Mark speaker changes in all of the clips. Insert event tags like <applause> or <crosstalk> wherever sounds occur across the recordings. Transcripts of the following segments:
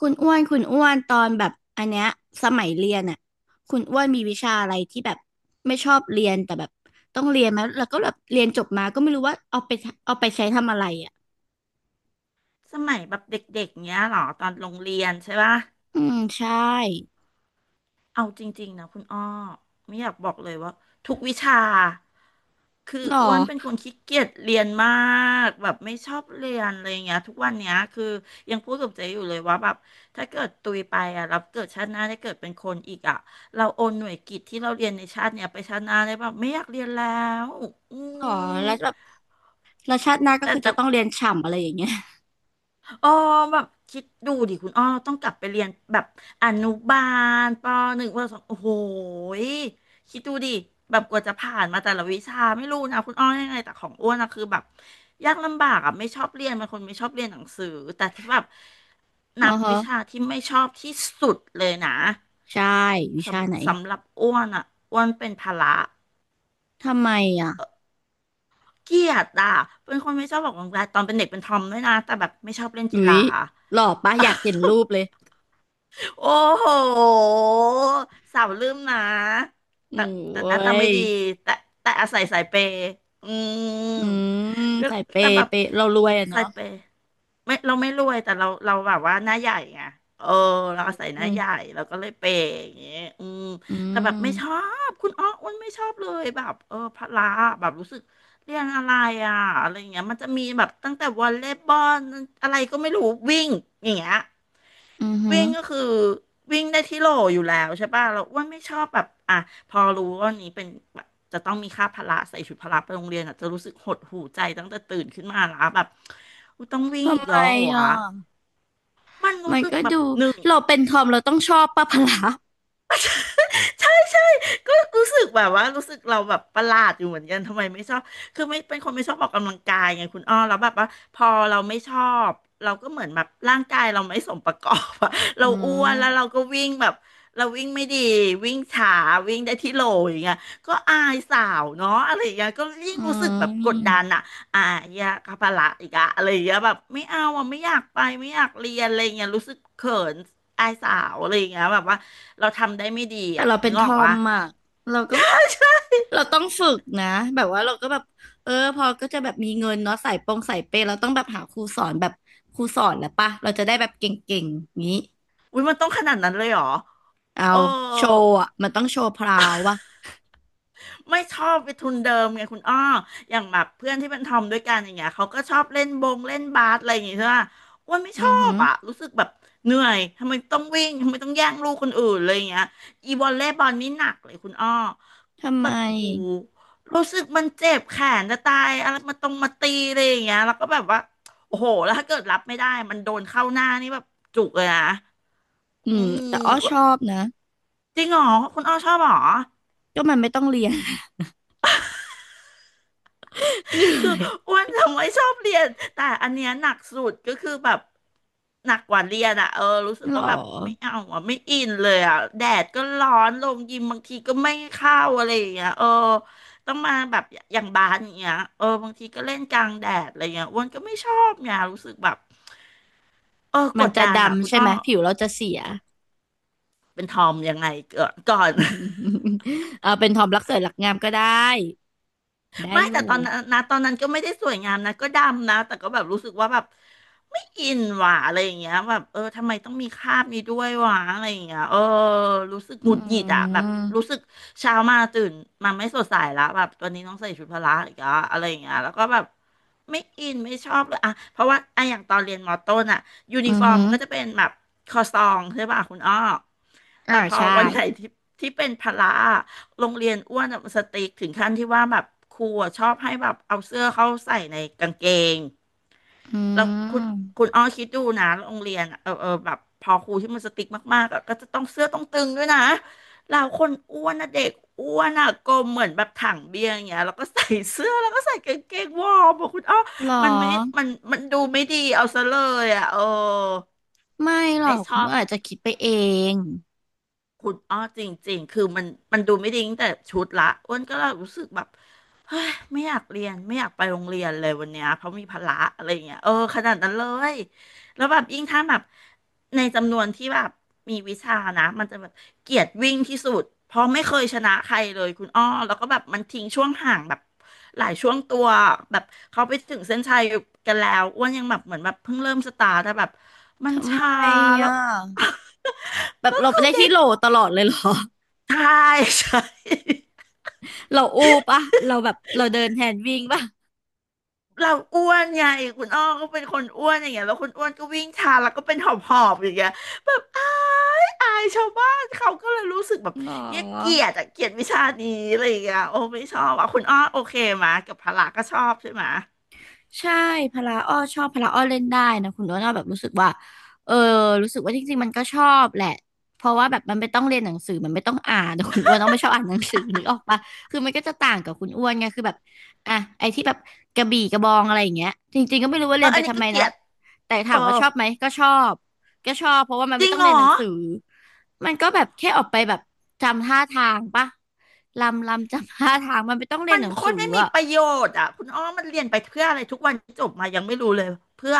Speaker 1: คุณอ้วน คุณอ้วน ตอนแบบอันเนี้ยสมัยเรียนอ่ะคุณอ้วนมีวิชาอะไรที่แบบไม่ชอบเรียนแต่แบบต้องเรียนมาแล้วก็แบบเรียนจบมาก็ไม่รู้ว่าเอาไปเอาไปใช้ทำอะไรอ่ะ
Speaker 2: สมัยแบบเด็กๆเนี้ยเหรอตอนโรงเรียนใช่ปะ
Speaker 1: อืมใช่
Speaker 2: เอาจริงๆนะคุณอ้อไม่อยากบอกเลยว่าทุกวิชาคือ
Speaker 1: หรอ
Speaker 2: อ้วนเป็นคนขี้เกียจเรียนมากแบบไม่ชอบเรียนอะไรอย่างเงี้ยทุกวันเนี้ยคือยังพูดกับเจ๊อยู่เลยว่าแบบถ้าเกิดตุยไปอ่ะเราเกิดชาติหน้าได้เกิดเป็นคนอีกอ่ะเราโอนหน่วยกิตที่เราเรียนในชาติเนี้ยไปชาติหน้าได้แบบไม่อยากเรียนแล้วอื
Speaker 1: หรอแล้ว
Speaker 2: ม
Speaker 1: แบบแล้วชาติหน้าก็
Speaker 2: แต่
Speaker 1: คือ
Speaker 2: แต่
Speaker 1: จะต้องเรียนฉ่ำอะไรอย่างเงี้ย
Speaker 2: อ๋อแบบคิดดูดิคุณอ้อต้องกลับไปเรียนแบบอนุบาลปหนึ่งปสองโอ้โหยคิดดูดิแบบกว่าจะผ่านมาแต่ละวิชาไม่รู้นะคุณอ้อยังไงแต่ของอ้วนนะคือแบบยากลำบากอ่ะไม่ชอบเรียนเป็นคนไม่ชอบเรียนหนังสือแต่ที่แบบ
Speaker 1: <laughs> อ๋
Speaker 2: นั
Speaker 1: อ
Speaker 2: บวิ
Speaker 1: ฮะ
Speaker 2: ชาที่ไม่ชอบที่สุดเลยนะ
Speaker 1: ใช่วิชาไหน
Speaker 2: สำหรับอ้วนอ่ะอ้วนเป็นพละ
Speaker 1: ทำไมอ่ะ
Speaker 2: เกลียดอ่ะเป็นคนไม่ชอบออกกำลังกายตอนเป็นเด็กเป็นทอมด้วยนะแต่แบบไม่ชอบเล่นกี
Speaker 1: อุ๊
Speaker 2: ฬา
Speaker 1: ยหล่อปะอยากเห็นรูปเลย
Speaker 2: โอ้โหสาวลืมนะแต่แต่
Speaker 1: โอ้
Speaker 2: หน้าตาไม่
Speaker 1: ย
Speaker 2: ดีแต่แต่อาศัยสายเปย์อืม
Speaker 1: อืม
Speaker 2: ก็
Speaker 1: ใส่เป
Speaker 2: แต่แบบ
Speaker 1: เปเรารวยอ่ะ
Speaker 2: สา
Speaker 1: เนาะ
Speaker 2: ยเปย์ไม่เราไม่รวยแต่เราแบบว่าหน้าใหญ่ไงเออเราอาศัยห
Speaker 1: อื
Speaker 2: น้าใหญ่
Speaker 1: ม
Speaker 2: เราก็เลยเปย์อย่างเงี้ยอืม
Speaker 1: อื
Speaker 2: แต่แบบ
Speaker 1: ม
Speaker 2: ไม่ชอบคุณอ้ออ้วนไม่ชอบเลยแบบเออพละแบบรู้สึกเรียนอะไรอ่ะอะไรอย่างเงี้ยมันจะมีแบบตั้งแต่วอลเลย์บอลอะไรก็ไม่รู้วิ่งอย่างเงี้ย
Speaker 1: อือหื
Speaker 2: วิ่
Speaker 1: อ
Speaker 2: งก็คือวิ่งได้ที่โหลอยู่แล้วใช่ป่ะเราอ้วนไม่ชอบแบบอ่ะพอรู้ว่าวันนี้เป็นแบบจะต้องมีค่าพละใส่ชุดพละไปโรงเรียนอ่ะจะรู้สึกหดหู่ใจตั้งแต่ตื่นขึ้นมาแล้วแบบอุ๊ยต้องวิ่งอี
Speaker 1: ทำ
Speaker 2: ก
Speaker 1: ไม
Speaker 2: แล้วเหรอวะ
Speaker 1: อ่ะ
Speaker 2: มันรู้
Speaker 1: มัน
Speaker 2: สึก
Speaker 1: ก็
Speaker 2: แบบ
Speaker 1: ดู
Speaker 2: หนึ่ง
Speaker 1: เราเป็นทอมเราต้องชอบป้าพละ
Speaker 2: ใช่ใช่ก็รู้สึกแบบว่ารู้สึกเราแบบประหลาดอยู่เหมือนกันทำไมไม่ชอบคือไม่เป็นคนไม่ชอบออกกำลังกายไงคุณอ้อแล้วแบบว่าพอเราไม่ชอบเราก็เหมือนแบบร่างกายเราไม่สมประกอบอะ <laughs>
Speaker 1: อื
Speaker 2: เราอ้วนแล้วเรา
Speaker 1: ม
Speaker 2: ก็วิ่งแบบเราวิ่งไม่ดีวิ่งช้าวิ่งได้ที่โหลอย่างเงี้ยก็อายสาวเนาะอะไรอย่างเงี้ยก็ยิ่ง
Speaker 1: อื
Speaker 2: รู้สึกแบบกดดั
Speaker 1: ม
Speaker 2: นอะอ่ะอยากคาปะละอีกอะอะไรอย่างเงี้ยแบบไม่เอาอ่ะไม่อยากไปไม่อยากเรียนอะไรอย่างเงี้ยรู้สึกเขินอายสาวอะไรอย่างเงี้ยแบบว่า เราทำได้ไม่ดี
Speaker 1: แต่
Speaker 2: อ่ะ
Speaker 1: เราเป็
Speaker 2: นึ
Speaker 1: น
Speaker 2: ก
Speaker 1: ท
Speaker 2: ออก
Speaker 1: อม
Speaker 2: วะ
Speaker 1: อ่ะเราก็เราต้องฝึกนะแบบว่าเราก็แบบ เออพอก็จะแบบมีเงินเนาะสายปงสายเปย์เราต้องแบบหาครูสอนแบบครูสอนแล้วปะเราจะได้แบบเก่งๆอย่างนี้
Speaker 2: <laughs> อุ้ยมันต้องขนาดนั้นเลยเหรอ
Speaker 1: เอา
Speaker 2: เออ
Speaker 1: โชว์อ่ะมันต้องโชว์พราววะ
Speaker 2: ไม่ชอบไปทุนเดิมไงคุณอ้ออย่างแบบเพื่อนที่เป็นทอมด้วยกันอย่างเงี้ยเขาก็ชอบเล่นบงเล่นบาสอะไรอย่างเงี้ยใช่ปะอ้วนไม่ช
Speaker 1: อื
Speaker 2: อ
Speaker 1: อหื
Speaker 2: บ
Speaker 1: อ
Speaker 2: อ่ะรู้สึกแบบเหนื่อยทำไมต้องวิ่งทำไมต้องแย่งลูกคนอื่นอะไรอย่างเงี้ยอีวอลเลย์บอลนี่หนักเลยคุณอ้อ
Speaker 1: ทำ
Speaker 2: แบ
Speaker 1: ไม
Speaker 2: บโอ้โหูรู้สึกมันเจ็บแขนจะตายอะไรมาตรงมาตีอะไรอย่างเงี้ยแล้วก็แบบว่าโอ้โหแล้วถ้าเกิดรับไม่ได้มันโดนเข้าหน้านี่แบบจุกเลยนะ
Speaker 1: อื
Speaker 2: อื
Speaker 1: ม
Speaker 2: ม
Speaker 1: แต่อ้อชอบนะ
Speaker 2: จริงเหรอคุณอ้อชอบเหรอ
Speaker 1: ก็มันไม่ต้องเรียน <laughs> เหนื่
Speaker 2: คือ
Speaker 1: อย
Speaker 2: อ้วนทำไมชอบเรียนแต่อันเนี้ยหนักสุดก็คือแบบหนักกว่าเรียนอะเออรู้สึก
Speaker 1: หรอ
Speaker 2: ว่าแบบไม่เอาอ่ะไม่อินเลยอะแดดก็ร้อนลงยิมบางทีก็ไม่เข้าอะไรอย่างเงี้ยเออต้องมาแบบอย่างบาสอย่างเงี้ยเออบางทีก็เล่นกลางแดดอะไรเงี้ยอ้วนก็ไม่ชอบเนี่ยรู้สึกแบบเออก
Speaker 1: มัน
Speaker 2: ด
Speaker 1: จะ
Speaker 2: ดันอะคุ
Speaker 1: ดำ
Speaker 2: ณ
Speaker 1: ใช่
Speaker 2: อ้
Speaker 1: ไห
Speaker 2: อ
Speaker 1: มผิวเราจะเสีย
Speaker 2: เป็นทอมยังไงเกิดก่อน
Speaker 1: <laughs> เอาเป็นทอมรักสวยรักงามก็ได้ได้
Speaker 2: ไม่
Speaker 1: อ
Speaker 2: แต่
Speaker 1: ยู่
Speaker 2: ตอนนั้นนะตอนนั้นก็ไม่ได้สวยงามนะก็ดำนะแต่ก็แบบรู้สึกว่าแบบไม่อินหว่ะอะไรอย่างเงี้ยแบบเออทำไมต้องมีคราบนี้ด้วยวะอะไรอย่างเงี้ยเออรู้สึก
Speaker 1: อื
Speaker 2: หงุดหงิดอะแบบรู้
Speaker 1: ม
Speaker 2: สึกเช้ามาตื่นมาไม่สดใสละแบบวันนี้ต้องใส่ชุดพละอีกแล้วอะไรอย่างเงี้ยแล้วก็แบบไม่อินไม่ชอบเลยอะเพราะว่าอะอย่างตอนเรียนมอต้นอะยูนิ
Speaker 1: อือ
Speaker 2: ฟอร์ม
Speaker 1: หือ
Speaker 2: มันก็จะเป็นแบบคอซองใช่ป่ะคุณอ้อ
Speaker 1: อ่า
Speaker 2: แต่พอ
Speaker 1: ใช่
Speaker 2: วันไหนที่เป็นพละอะโรงเรียนอ้วนอะมันสติ๊กถึงขั้นที่ว่าแบบครูอะชอบให้แบบเอาเสื้อเข้าใส่ในกางเกง
Speaker 1: อื
Speaker 2: แล้ว
Speaker 1: ม
Speaker 2: คุณอ้อคิดดูนะโรงเรียนอะเออแบบพอครูที่มันสติ๊กมากๆอะก็จะต้องเสื้อต้องตึงด้วยนะเราคนอ้วนนะเด็กอ้วนอะกลมเหมือนแบบถังเบียร์อย่างเงี้ยแล้วก็ใส่เสื้อแล้วก็ใส่กางเกงวอร์มบอะคุณอ้อ
Speaker 1: หรอ
Speaker 2: มันไม่มันดูไม่ดีเอาซะเลยอะเออ
Speaker 1: ไม่หรอ
Speaker 2: ไม่
Speaker 1: ก
Speaker 2: ช
Speaker 1: คุณ
Speaker 2: อ
Speaker 1: อ้
Speaker 2: บ
Speaker 1: วนอาจจะคิดไปเอง
Speaker 2: คุณอ้อจริงๆคือมันดูไม่ดีตั้งแต่ชุดละอ้วนก็เลยรู้สึกแบบเฮ้ยไม่อยากเรียนไม่อยากไปโรงเรียนเลยวันเนี้ยเพราะมีภาระอะไรอย่างเงี้ยเออขนาดนั้นเลยแล้วแบบยิ่งถ้าแบบในจำนวนที่แบบมีวิชานะมันจะแบบเกลียดวิ่งที่สุดเพราะไม่เคยชนะใครเลยคุณอ้อแล้วก็แบบมันทิ้งช่วงห่างแบบหลายช่วงตัวแบบเขาไปถึงเส้นชัยกันแล้วอ้วนยังแบบเหมือนแบบเพิ่งเริ่มสตาร์ทแต่แบบมัน
Speaker 1: ทำไม
Speaker 2: ช้าแล้
Speaker 1: อ่
Speaker 2: ว
Speaker 1: ะแบ
Speaker 2: <laughs>
Speaker 1: บ
Speaker 2: ก็
Speaker 1: เราไป
Speaker 2: คือ
Speaker 1: ได้
Speaker 2: เด็
Speaker 1: ที่
Speaker 2: ก
Speaker 1: โหลตลอดเลยเหรอ <laughs>
Speaker 2: ใช่ <laughs> ใช่
Speaker 1: เราอู้ปะเราแบบเราเดินแทนวิ่งปะ
Speaker 2: เราอ้วนไงคุณอ้อก็เป็นคนอ้วนอย่างเงี้ยแล้วคุณอ้วนก็วิ่งช้าแล้วก็เป็นหอบหอบอย่างเงี้ยแบบอายชาวบ้านเขาก็เลยรู้สึกแบบ
Speaker 1: หรอ
Speaker 2: เย้ยเกลียดอะเกลียดวิชานี้อะไรอย่างเงี้ยโอ้ไม่ชอบอ่ะคุณอ้อโอเคมากับพละก็ชอบใช่ไหม
Speaker 1: ใช่พละอ้อชอบพละอ้อเล่นได้นะคุณโน้ตอ้อแบบรู้สึกว่าเออรู้สึกว่าจริงๆมันก็ชอบแหละเพราะว่าแบบมันไม่ต้องเรียนหนังสือมันไม่ต้องอ่านแต่คุณอ้วนอ้อไม่ชอบอ่านหนังสือนึกออกปะคือมันก็จะต่างกับคุณอ้วนไงคือแบบอ่ะไอ้ที่แบบกระบี่กระบองอะไรอย่างเงี้ยจริงๆก็ไม่รู้ว่า
Speaker 2: เอ
Speaker 1: เรี
Speaker 2: อ
Speaker 1: ยน
Speaker 2: อั
Speaker 1: ไป
Speaker 2: นนี้
Speaker 1: ทำ
Speaker 2: ก็
Speaker 1: ไม
Speaker 2: เกลี
Speaker 1: นะ
Speaker 2: ยด
Speaker 1: แต่
Speaker 2: เอ
Speaker 1: ถา
Speaker 2: อ
Speaker 1: มว่าชอบไหมก็ชอบก็ชอบเพราะว่ามัน
Speaker 2: จ
Speaker 1: ไม่
Speaker 2: ริง
Speaker 1: ต้อง
Speaker 2: เหร
Speaker 1: เรียน
Speaker 2: อ
Speaker 1: หนังสือมันก็แบบแค่ออกไปแบบจำท่าทางปะจำท่าทางมันไม่ต้องเรีย
Speaker 2: มั
Speaker 1: น
Speaker 2: น
Speaker 1: หนัง
Speaker 2: โค
Speaker 1: สื
Speaker 2: ต
Speaker 1: อ
Speaker 2: รไม่มี
Speaker 1: อะ
Speaker 2: ประโยชน์อ่ะคุณอ้อมันเรียนไปเพื่ออะไรทุกวันจบมายังไม่รู้เลยเพื่อ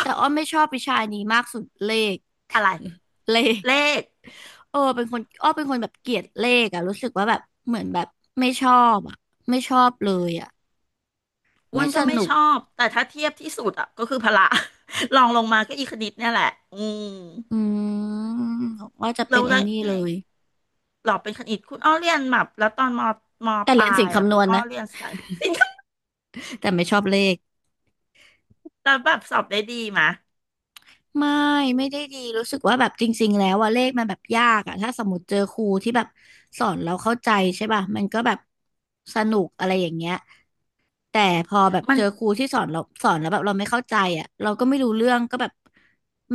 Speaker 1: แต่อ้อไม่ชอบวิชานี้มากสุดเลข
Speaker 2: อะไร
Speaker 1: <laughs> เลข
Speaker 2: เลข
Speaker 1: เออเป็นคนอ้อเป็นคนแบบเกลียดเลขอะรู้สึกว่าแบบเหมือนแบบไม่ชอบอะไม่ชอบเลยอะ
Speaker 2: อ้ว
Speaker 1: ไม่
Speaker 2: น
Speaker 1: ส
Speaker 2: ก็ไม่
Speaker 1: นุ
Speaker 2: ช
Speaker 1: ก
Speaker 2: อบแต่ถ้าเทียบที่สุดอ่ะก็คือพละ <laughs> ลองลงมาก็อีคณิตเนี่ยแหละอืม
Speaker 1: อืมว่าจะเป็
Speaker 2: เรา
Speaker 1: นไอ้
Speaker 2: แล้ว
Speaker 1: นี่
Speaker 2: ไง
Speaker 1: เลย
Speaker 2: หลอกเป็นคณิตคุณอ้อเรียนแบบแล้วตอนม
Speaker 1: แต่
Speaker 2: ป
Speaker 1: เรีย
Speaker 2: ลา
Speaker 1: นสิ่ง
Speaker 2: ยอ่ะ
Speaker 1: คำน
Speaker 2: คุณ
Speaker 1: วณ
Speaker 2: อ้อ
Speaker 1: นะ
Speaker 2: เรียนสายสินค้า
Speaker 1: แต่ไม่ชอบเลข
Speaker 2: แล้วแบบสอบได้ดีมะ
Speaker 1: ไม่ไม่ได้ดีรู้สึกว่าแบบจริงๆแล้วอะเลขมันแบบยากอะถ้าสมมติเจอครูที่แบบสอนเราเข้าใจใช่ป่ะมันก็แบบสนุกอะไรอย่างเงี้ย แต่พอแบบ
Speaker 2: มัน
Speaker 1: เจอครูที่สอนเราสอนแล้วแบบเราไม่เข้าใจอ่ะเราก็ไม่รู้เรื่องก็แบบ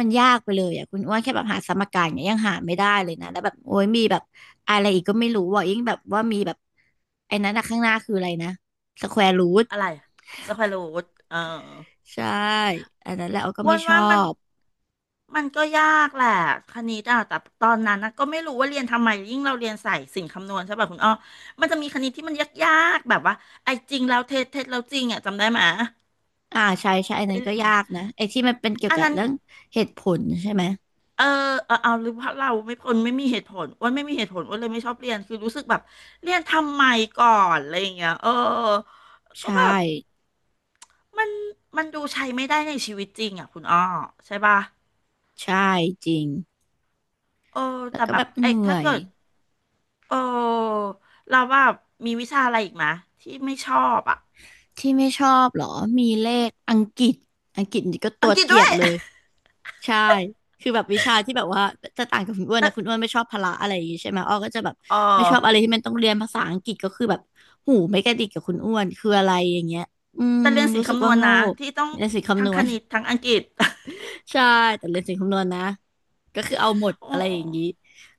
Speaker 1: มันยากไปเลยอ่ะคุณอ้วนแค่แบบหาสมการเนี่ยยังหาไม่ได้เลยนะแล้วแบบโอ้ยมีแบบอะไรอีกก็ไม่รู้ว่ายิ่งแบบว่ามีแบบไอ้นั้นอะข้างหน้าคืออะไรนะสแควร์รูท
Speaker 2: อะไรสแควรูทเออ
Speaker 1: ใช่อันนั้นแหละเราก็
Speaker 2: อ้ว
Speaker 1: ไม่
Speaker 2: น
Speaker 1: ชอ
Speaker 2: ว่ามัน
Speaker 1: บ
Speaker 2: มันก็ยากแหละคณิตอ่ะแต่ตอนนั้นนะก็ไม่รู้ว่าเรียนทำไมยิ่งเราเรียนสายสินคำนวณใช่ป่ะคุณอ้อมันจะมีคณิตที่มันยากๆแบบว่าไอ้จริงแล้วเท็จเท็จแล้วจริงอ่ะจำได้ไหมย
Speaker 1: อ่าใช่ใช่อัน
Speaker 2: ได้
Speaker 1: นั้น
Speaker 2: เล
Speaker 1: ก็ยา
Speaker 2: ย
Speaker 1: กนะไอ้ที่มันเป็นเกี่ยว
Speaker 2: อัน
Speaker 1: กับ
Speaker 2: นั้น
Speaker 1: เรื่องเหตุผลใช่ไหม
Speaker 2: เออเออเอาหรือเพราะเราไม่คนไม่มีเหตุผลอ้ว่าไม่มีเหตุผลอ้ว่าเลยไม่ชอบเรียนคือรู้สึกแบบเรียนทำไมก่อนอะไรอย่างเงี้ยเออก็
Speaker 1: ใช่
Speaker 2: แบบมันมันดูใช้ไม่ได้ในชีวิตจริงอ่ะคุณอ้อใช่ป่ะ
Speaker 1: ใช่จริง
Speaker 2: เออ
Speaker 1: แล้ว
Speaker 2: แต่
Speaker 1: ก็
Speaker 2: แบ
Speaker 1: แบ
Speaker 2: บ
Speaker 1: บเห
Speaker 2: เอ๊ะ
Speaker 1: นื่อ
Speaker 2: ถ้า
Speaker 1: ย
Speaker 2: เกิดเออเราว่ามีวิชาอะไรอีกไหมที่ไม่ชอบอ่ะ
Speaker 1: ที่ไม่ชอบเหรอ มีเลขอังกฤษอังกฤษนี่ก็ตั
Speaker 2: อัง
Speaker 1: ว
Speaker 2: กฤษ
Speaker 1: เกลี
Speaker 2: ด้
Speaker 1: ย
Speaker 2: ว
Speaker 1: ด
Speaker 2: ย
Speaker 1: เลย ใช่ คือแบบวิชาที่แบบว่าจะต่างกับคุณอ้
Speaker 2: <laughs>
Speaker 1: วน
Speaker 2: แต่
Speaker 1: นะคุณอ้วนไม่ชอบพละอะไรอย่างงี้ใช่ไหมอ้อก็จะแบบ
Speaker 2: เออ
Speaker 1: ไม่ชอบอะไรที่มันต้องเรียนภาษาอังกฤษก็คือแบบหูไม่กระดิกกับคุณอ้วนคืออะไรอย่างเงี้ยอืม
Speaker 2: แต่เรียนศิล
Speaker 1: รู้
Speaker 2: ป์
Speaker 1: สึก
Speaker 2: คำน
Speaker 1: ว่า
Speaker 2: วณ
Speaker 1: โง่
Speaker 2: นะที่ต้อง
Speaker 1: ในสิ่ง
Speaker 2: ทั้
Speaker 1: คำน
Speaker 2: งค
Speaker 1: วณ
Speaker 2: ณิตทั้งอังกฤษ
Speaker 1: <laughs> ใช่แต่เรียนสิ่งคำนวณนะก็คือเอาหมด
Speaker 2: <laughs> โอ้
Speaker 1: อะไรอย่างนี้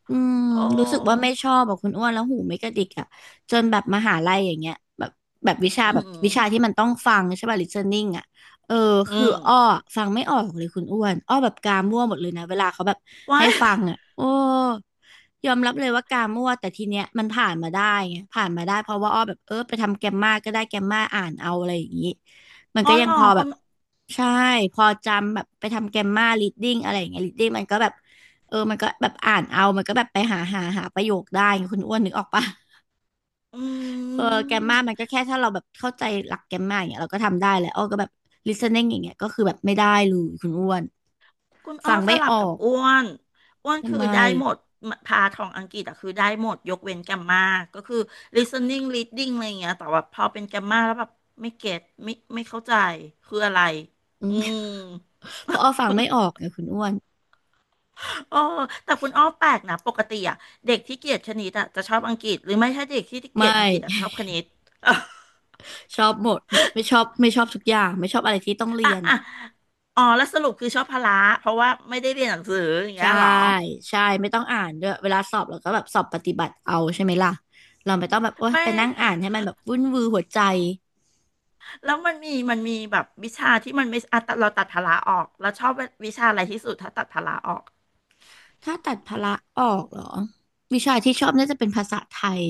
Speaker 1: อืม
Speaker 2: โอ้
Speaker 1: รู้สึกว่าไม่ชอบแบบคุณอ้วนแล้วหูไม่กระดิกอ่ะจนแบบมหาลัยอย่างเงี้ยแบบแบบวิชา
Speaker 2: อื
Speaker 1: แบบวิชาที่
Speaker 2: ม
Speaker 1: มันต้องฟังใช่ป่ะ listening อ่ะเออ
Speaker 2: อื
Speaker 1: คือ
Speaker 2: ม
Speaker 1: อ้อฟังไม่ออกเลยคุณอ้วนอ้อแบบกามั่วหมดเลยนะเวลาเขาแบบ
Speaker 2: ว้า
Speaker 1: ให้
Speaker 2: ย
Speaker 1: ฟังอ่ะโอ้ยอมรับเลยว่ากามั่วแต่ทีเนี้ยมันผ่านมาได้ไงผ่านมาได้เพราะว่าอ้อแบบเออไปทำแกมมาก็ได้แกมมาอ่านเอาอะไรอย่างนี้มัน
Speaker 2: อ๋อ
Speaker 1: ก็ยั
Speaker 2: เห
Speaker 1: ง
Speaker 2: รอ
Speaker 1: พอแบ
Speaker 2: คุณ
Speaker 1: บ ใช่พอจำแบบไปทำแกมมา reading อะไรอย่างเงี้ย reading มันก็แบบเออมันก็แบบอ่านเอามันก็แบบไปหาประโยคได้ไงคุณอ้วนนึกออกปะ
Speaker 2: อื
Speaker 1: เออแกมมามัน
Speaker 2: ม
Speaker 1: ก็แค่ถ้าเราแบบเข้าใจหลักแกมมาอย่างเงี้ยเราก็ทำได้แหละอ้อก็แบบ listening อย่างเงี้ยก็คือแบบไม่ได้เลยคุณอ้วน
Speaker 2: คุณอ้อ
Speaker 1: ฟัง
Speaker 2: ส
Speaker 1: ไม่
Speaker 2: ลั
Speaker 1: อ
Speaker 2: บกั
Speaker 1: อ
Speaker 2: บ
Speaker 1: ก
Speaker 2: อ้วนอ้วน
Speaker 1: ทำ
Speaker 2: คือ
Speaker 1: ไม
Speaker 2: ได้หมดพาทองอังกฤษอะคือได้หมดยกเว้นแกมมาก็คือ listening reading อะไรอย่างเงี้ยแต่ว่าพอเป็นแกมมาแล้วแบบไม่เก็ตไม่เข้าใจคืออะไร
Speaker 1: อื
Speaker 2: อื
Speaker 1: ม
Speaker 2: ม
Speaker 1: <laughs> เพราะอ้อฟังไม่ออกไงคุณอ้วน
Speaker 2: โอ้แต่คุณอ้อแปลกนะปกติอะเด็กที่เกลียดคณิตอะจะชอบอังกฤษหรือไม่ถ้าเด็กที่เก
Speaker 1: ไม
Speaker 2: ลียดอังกฤษอะช
Speaker 1: ่
Speaker 2: อบคณิต
Speaker 1: <laughs> ชอบหมดไม่ชอบไม่ชอบทุกอย่างไม่ชอบอะไรที่ต้อง
Speaker 2: <laughs>
Speaker 1: เรี
Speaker 2: อ่ะ
Speaker 1: ยน
Speaker 2: อ่ะ
Speaker 1: อะ
Speaker 2: อะอ๋อแล้วสรุปคือชอบพละเพราะว่าไม่ได้เรียนหนังสืออย่างเงี้
Speaker 1: ใช่
Speaker 2: ยเหรอ
Speaker 1: ใช่ไม่ต้องอ่านด้วยเวลาสอบเราก็แบบสอบปฏิบัติเอาใช่ไหมล่ะเราไม่ต้องแบบโอ๊ย
Speaker 2: ไม่
Speaker 1: ไปนั่งอ่านให้มันแบบวุ่นวือหัวใจ
Speaker 2: แล้วมันมีมีแบบวิชาที่มันไม่อ่ะตัดเราตัดพละออกเราชอบวิชาอะไรที่สุดถ้าตัดพละออก
Speaker 1: ถ้าตัดพละออกเหรอวิชาที่ชอบน่าจะเป็นภาษาไทย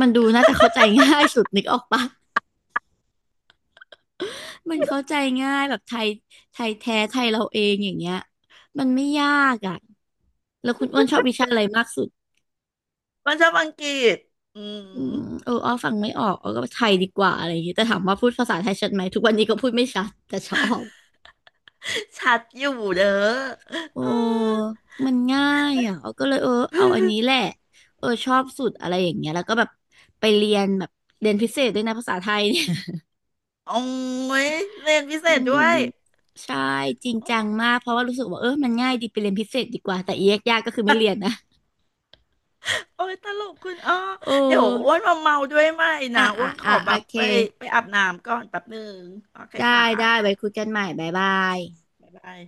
Speaker 1: มันดูน่าจะเข้าใจง่ายสุดนึกออกปะมันเข้าใจง่ายแบบไทยไทยแท้ไทยเราเองอย่างเงี้ยมันไม่ยากอ่ะแล้วคุณอ้วนชอบวิชาอะไรมากสุด
Speaker 2: มันชอบอังกฤษอื
Speaker 1: อื
Speaker 2: ม
Speaker 1: มเอออ้อฟังไม่ออกอ้อก็ไทยดีกว่าอะไรอย่างเงี้ยแต่ถามว่าพูดภาษาไทยชัดไหมทุกวันนี้ก็พูดไม่ชัดแต่ชอบ
Speaker 2: ชัดอยู่เด้อเอ
Speaker 1: โอ้
Speaker 2: อ
Speaker 1: มันง่ายอ่ะ เอาก็เลยเออเอาอันนี้แหละเออชอบสุดอะไรอย่างเงี้ย แล้วก็แบบไปเรียนแบบเรียนพิเศษด้วยนะภาษาไทยเนี่ย
Speaker 2: โอ้ยเรียนพิ
Speaker 1: <laughs>
Speaker 2: เศ
Speaker 1: อื
Speaker 2: ษด้ว
Speaker 1: ม
Speaker 2: ย
Speaker 1: ใช่จริง
Speaker 2: โอ
Speaker 1: จัง
Speaker 2: ้
Speaker 1: มากเพราะว่ารู้สึกว่าเออมันง่ายดีไปเรียนพิเศษดีกว่าแต่เอกยากก็คือไม่เรียนนะ
Speaker 2: อยตลกคุณอ้อ
Speaker 1: โอ
Speaker 2: เดี๋ยวอ้ว
Speaker 1: ้
Speaker 2: นมาเมาด้วยไหม
Speaker 1: อ่ะ
Speaker 2: นะอ้
Speaker 1: อ่ะ
Speaker 2: วนข
Speaker 1: อ่ะ
Speaker 2: อแบ
Speaker 1: โอ
Speaker 2: บ
Speaker 1: เค
Speaker 2: ไปไปอาบน้ำก่อนแป๊บหนึ่งโอเค
Speaker 1: ได้
Speaker 2: ค่ะ
Speaker 1: ได้ไว้คุยกันใหม่บ๊ายบาย
Speaker 2: บ๊ายบาย